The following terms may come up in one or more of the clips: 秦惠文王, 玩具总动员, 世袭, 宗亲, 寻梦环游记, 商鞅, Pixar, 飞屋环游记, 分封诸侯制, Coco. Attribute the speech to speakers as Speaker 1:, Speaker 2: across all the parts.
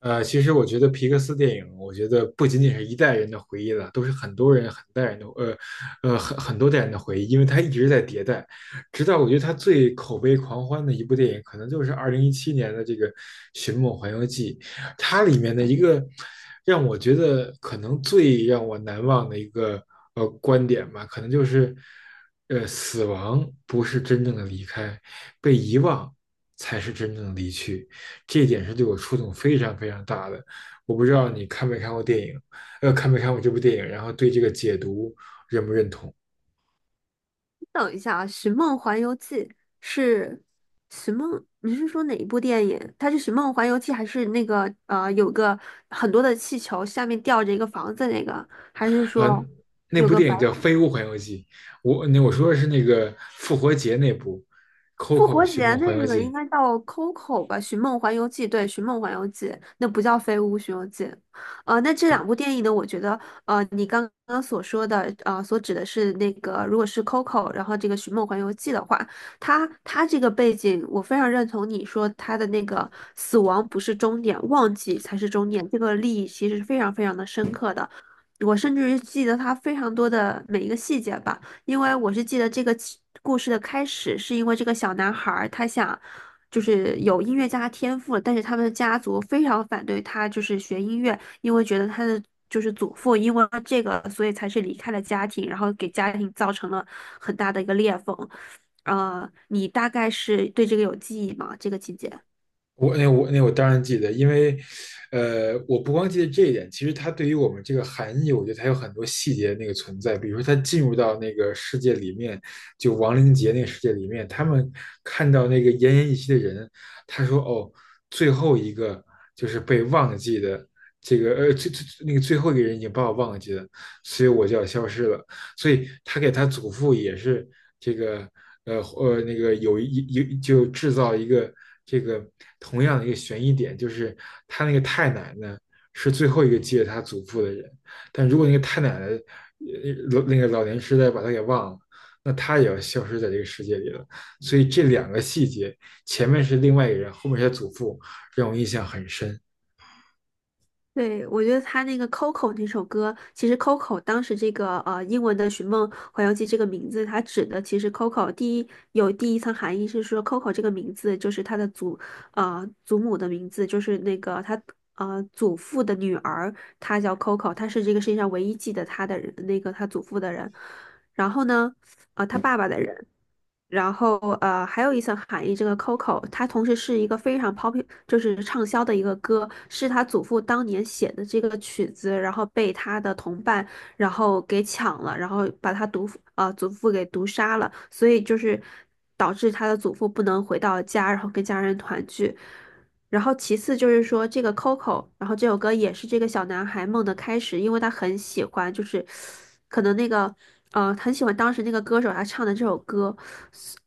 Speaker 1: 其实我觉得皮克斯电影，我觉得不仅仅是一代人的回忆了，都是很多人、很代人的，很多代人的回忆，因为它一直在迭代，直到我觉得它最口碑狂欢的一部电影，可能就是2017年的这个《寻梦环游记》，它里面的一个让我觉得可能最让我难忘的一个观点吧，可能就是，死亡不是真正的离开，被遗忘才是真正的离去。这一点是对我触动非常非常大的。我不知道你看没看过电影，看没看过这部电影，然后对这个解读认不认同？
Speaker 2: 等一下啊，《寻梦环游记》是《寻梦》，你是说哪一部电影？它是《寻梦环游记》还是那个有个很多的气球，下面吊着一个房子那个？还是
Speaker 1: 嗯、
Speaker 2: 说
Speaker 1: 那
Speaker 2: 有
Speaker 1: 部
Speaker 2: 个
Speaker 1: 电
Speaker 2: 白？
Speaker 1: 影叫《飞屋环游记》，我说的是那个复活节那部
Speaker 2: 复
Speaker 1: 《Coco
Speaker 2: 活
Speaker 1: 寻
Speaker 2: 节
Speaker 1: 梦环游
Speaker 2: 那个
Speaker 1: 记》，
Speaker 2: 应该叫 Coco 吧，《寻梦环游记》对，《寻梦环游记》那不叫《飞屋寻游记》。那这两部电影呢，我觉得，你刚刚所说的，所指的是那个，如果是 Coco,然后这个《寻梦环游记》的话，它这个背景，我非常认同你说它的那个死亡不是终点，忘记才是终点，这个利益其实是非常非常的深刻的，我甚至于记得它非常多的每一个细节吧。因为我是记得这个起故事的开始是因为这个小男孩儿他想就是有音乐家天赋，但是他们的家族非常反对他就是学音乐，因为觉得他的就是祖父因为这个所以才是离开了家庭，然后给家庭造成了很大的一个裂缝。你大概是对这个有记忆吗？这个情节？
Speaker 1: 我当然记得，因为，我不光记得这一点，其实它对于我们这个含义，我觉得它有很多细节的那个存在。比如说，他进入到那个世界里面，就亡灵节那个世界里面，他们看到那个奄奄一息的人，他说："哦，最后一个就是被忘记的，这个最那个最后一个人已经把我忘记了，所以我就要消失了。"所以他给他祖父也是这个那个有一有就制造一个这个同样的一个悬疑点，就是他那个太奶奶是最后一个记得他祖父的人，但如果那个太奶奶那个老年痴呆把他给忘了。那他也要消失在这个世界里了，所以这两个细节，前面是另外一个人，后面是他祖父，让我印象很深。
Speaker 2: 对，我觉得他那个 Coco 那首歌，其实 Coco 当时这个英文的《寻梦环游记》这个名字，它指的其实 Coco 第一层含义是说 Coco 这个名字就是他的祖母的名字，就是那个他祖父的女儿，她叫 Coco,她是这个世界上唯一记得她的人，那个她祖父的人。然后呢，他爸爸的人。然后还有一层含义，这个 Coco 它同时是一个非常 p o p 就是畅销的一个歌，是他祖父当年写的这个曲子，然后被他的同伴然后给抢了，然后把他祖父给毒杀了，所以就是导致他的祖父不能回到家，然后跟家人团聚。然后其次就是说这个 Coco,然后这首歌也是这个小男孩梦的开始，因为他很喜欢，就是可能那个很喜欢当时那个歌手他唱的这首歌。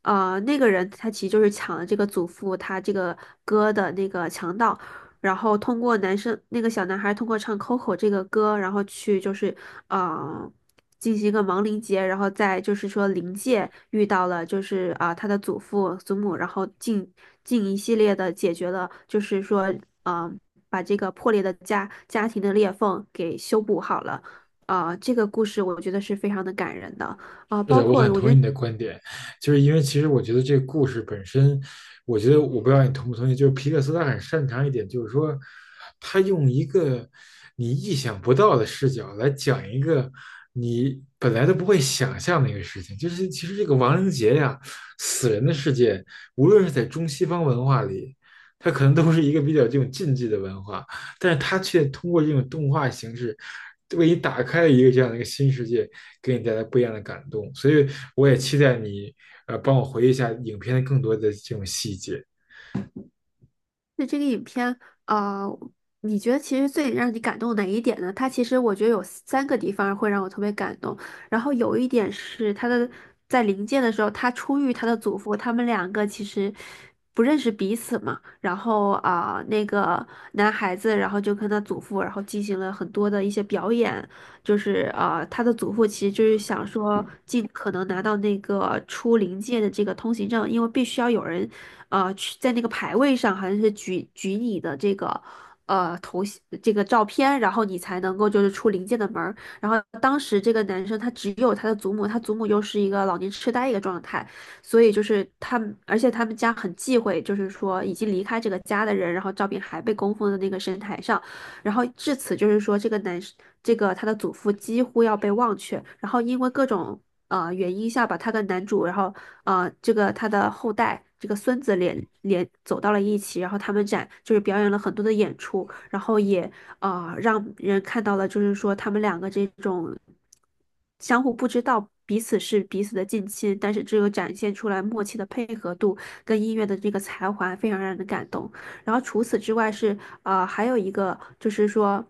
Speaker 2: 那个人他其实就是抢了这个祖父他这个歌的那个强盗，然后通过男生那个小男孩通过唱《Coco》这个歌，然后去就是啊进行一个亡灵节，然后再就是说灵界遇到了就是他的祖父祖母，然后进一系列的解决了，就是说啊、呃把这个破裂的家庭的裂缝给修补好了。这个故事我觉得是非常的感人的。
Speaker 1: 是
Speaker 2: 包
Speaker 1: 的，我
Speaker 2: 括
Speaker 1: 很
Speaker 2: 我
Speaker 1: 同意
Speaker 2: 觉得
Speaker 1: 你的观点，就是因为其实我觉得这个故事本身，我觉得我不知道你同不同意，就是皮克斯他很擅长一点，就是说他用一个你意想不到的视角来讲一个你本来都不会想象的一个事情，就是其实这个亡灵节呀、死人的世界，无论是在中西方文化里，它可能都是一个比较这种禁忌的文化，但是它却通过这种动画形式，为你打开了一个这样的一个新世界，给你带来不一样的感动。所以我也期待你，帮我回忆一下影片的更多的这种细节。
Speaker 2: 那这个影片，啊，你觉得其实最让你感动哪一点呢？它其实我觉得有三个地方会让我特别感动，然后有一点是他的在临界的时候，他初遇他的祖父，他们两个其实不认识彼此嘛，然后那个男孩子，然后就跟他祖父，然后进行了很多的一些表演，就是,他的祖父其实就是想说，尽可能拿到那个出灵界的这个通行证，因为必须要有人，去在那个牌位上好像是举你的这个。头像这个照片，然后你才能够就是出灵界的门儿。然后当时这个男生他只有他的祖母，他祖母又是一个老年痴呆一个状态，所以就是他们，而且他们家很忌讳，就是说已经离开这个家的人，然后照片还被供奉在那个神台上。然后至此就是说，这个男这个他的祖父几乎要被忘却，然后因为各种原因下吧，他跟男主，然后这个他的后代。这个孙子走到了一起，然后他们就是表演了很多的演出，然后也让人看到了，就是说他们两个这种相互不知道彼此是彼此的近亲，但是只有展现出来默契的配合度跟音乐的这个才华，非常让人感动。然后除此之外是还有一个就是说，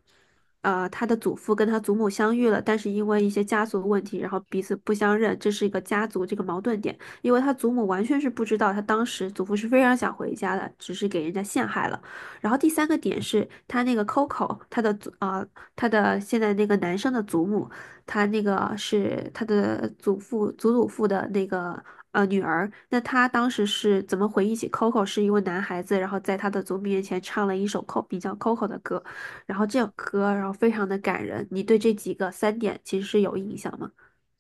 Speaker 2: 他的祖父跟他祖母相遇了，但是因为一些家族问题，然后彼此不相认，这是一个家族这个矛盾点。因为他祖母完全是不知道，他当时祖父是非常想回家的，只是给人家陷害了。然后第三个点是他那个 Coco,他的他的现在那个男生的祖母，他那个是他的祖父的那个女儿，那她当时是怎么回忆起 Coco 是一位男孩子，然后在他的祖母面前唱了一首 Co 比较 Coco 的歌，然后这首歌然后非常的感人。你对这几个三点其实是有印象吗？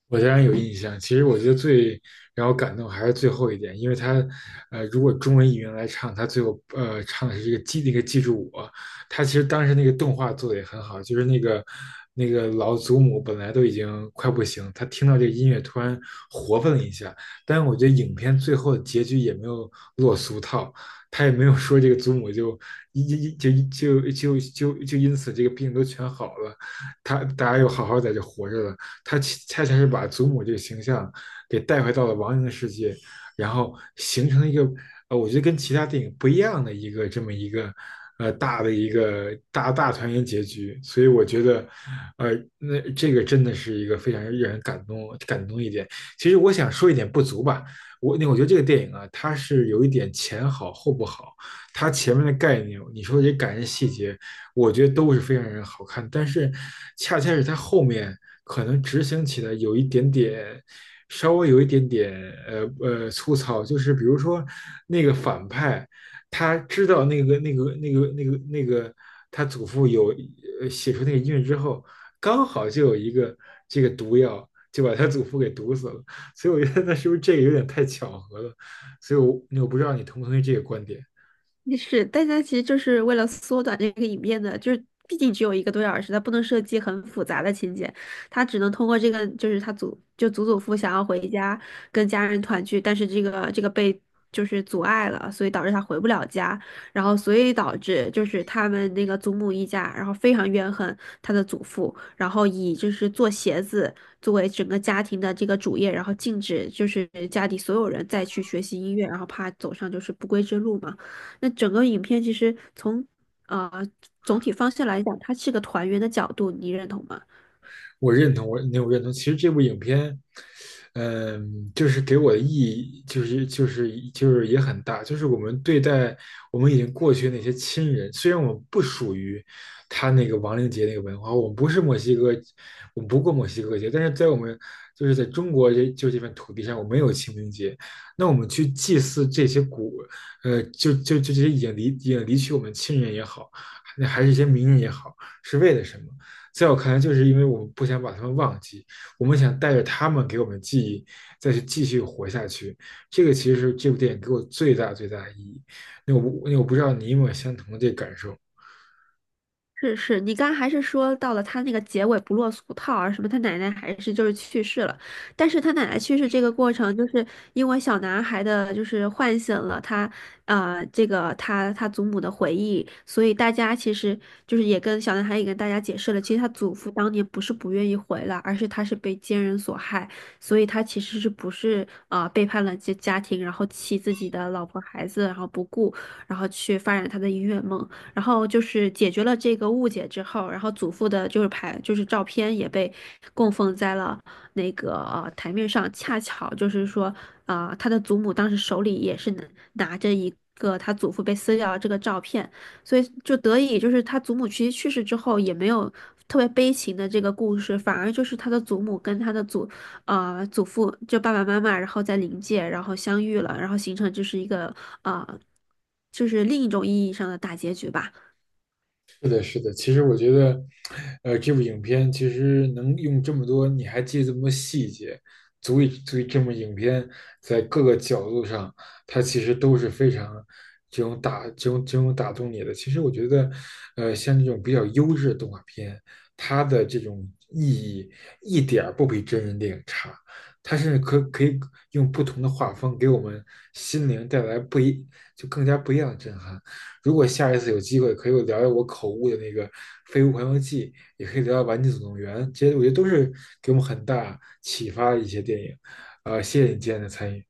Speaker 1: 我当然有印象。其实我觉得最让我感动还是最后一点，因为他，如果中文译员来唱，他最后唱的是这个记那个记住我。他其实当时那个动画做的也很好，就是那个老祖母本来都已经快不行，他听到这个音乐突然活泛了一下。但是我觉得影片最后的结局也没有落俗套，他也没有说这个祖母就一就就就就就因此这个病都全好了，他大家又好好在这活着了。他恰恰是把祖母这个形象给带回到了王莹的世界，然后形成一个我觉得跟其他电影不一样的一个这么一个大的一个大团圆结局。所以我觉得，呃，那这个真的是一个非常让人感动一点。其实我想说一点不足吧，我觉得这个电影啊，它是有一点前好后不好，它前面的概念，你说这感人细节。我觉得都是非常让人好看，但是恰恰是它后面可能执行起来有一点点，稍微有一点点粗糙，就是比如说那个反派，他知道那个他祖父有写出那个音乐之后，刚好就有一个这个毒药。就把他祖父给毒死了，所以我觉得那是不是这个有点太巧合了？所以我，我不知道你同不同意这个观点。
Speaker 2: 也是，大家其实就是为了缩短这个影片的，就是毕竟只有一个多小时，他不能设计很复杂的情节，他只能通过这个，就是他祖就祖祖父想要回家跟家人团聚，但是这个被就是阻碍了，所以导致他回不了家，然后所以导致就是他们那个祖母一家，然后非常怨恨他的祖父，然后以就是做鞋子作为整个家庭的这个主业，然后禁止就是家里所有人再去学习音乐，然后怕走上就是不归之路嘛。那整个影片其实从呃总体方向来讲，它是个团圆的角度，你认同吗？
Speaker 1: 我认同，我认同。其实这部影片，嗯，就是给我的意义，就是也很大，就是我们对待我们已经过去的那些亲人，虽然我们不属于他那个亡灵节那个文化，我们不是墨西哥，我们不过墨西哥节，但是在我们就是在中国这片土地上，我们有清明节，那我们去祭祀这些古，就就就这些已经离去我们亲人也好，那还是一些名人也好，是为了什么？在我看来，就是因为我们不想把他们忘记，我们想带着他们给我们记忆，再去继续活下去。这个其实是这部电影给我最大的意义。那我那我不知道你有没有相同的这个感受？
Speaker 2: 是是，你刚刚还是说到了他那个结尾不落俗套啊，什么他奶奶还是就是去世了，但是他奶奶去世这个过程，就是因为小男孩的就是唤醒了他，这个他祖母的回忆，所以大家其实就是也跟小男孩也跟大家解释了，其实他祖父当年不是不愿意回来，而是他是被奸人所害，所以他其实是不是啊背叛了家庭，然后弃自己的老婆孩子，然后不顾，然后去发展他的音乐梦。然后就是解决了这个误解之后，然后祖父的就是牌就是照片也被供奉在了那个台面上，恰巧就是说他的祖母当时手里也是拿着一个他祖父被撕掉的这个照片，所以就得以就是他祖母其实去世之后也没有。特别悲情的这个故事，反而就是他的祖母跟他的祖父，就爸爸妈妈，然后在灵界，然后相遇了，然后形成就是一个啊就是另一种意义上的大结局吧。
Speaker 1: 是的，是的。其实我觉得，这部影片其实能用这么多，你还记得这么多细节，足以证明影片在各个角度上，它其实都是非常这种这种打动你的。其实我觉得，像这种比较优质的动画片，它的这种意义一点儿不比真人电影差，它甚至可以用不同的画风给我们心灵带来不一就更加不一样的震撼。如果下一次有机会，可以我聊聊我口误的那个《飞屋环游记》，也可以聊聊《玩具总动员》，这些我觉得都是给我们很大启发的一些电影。谢谢你今天的参与。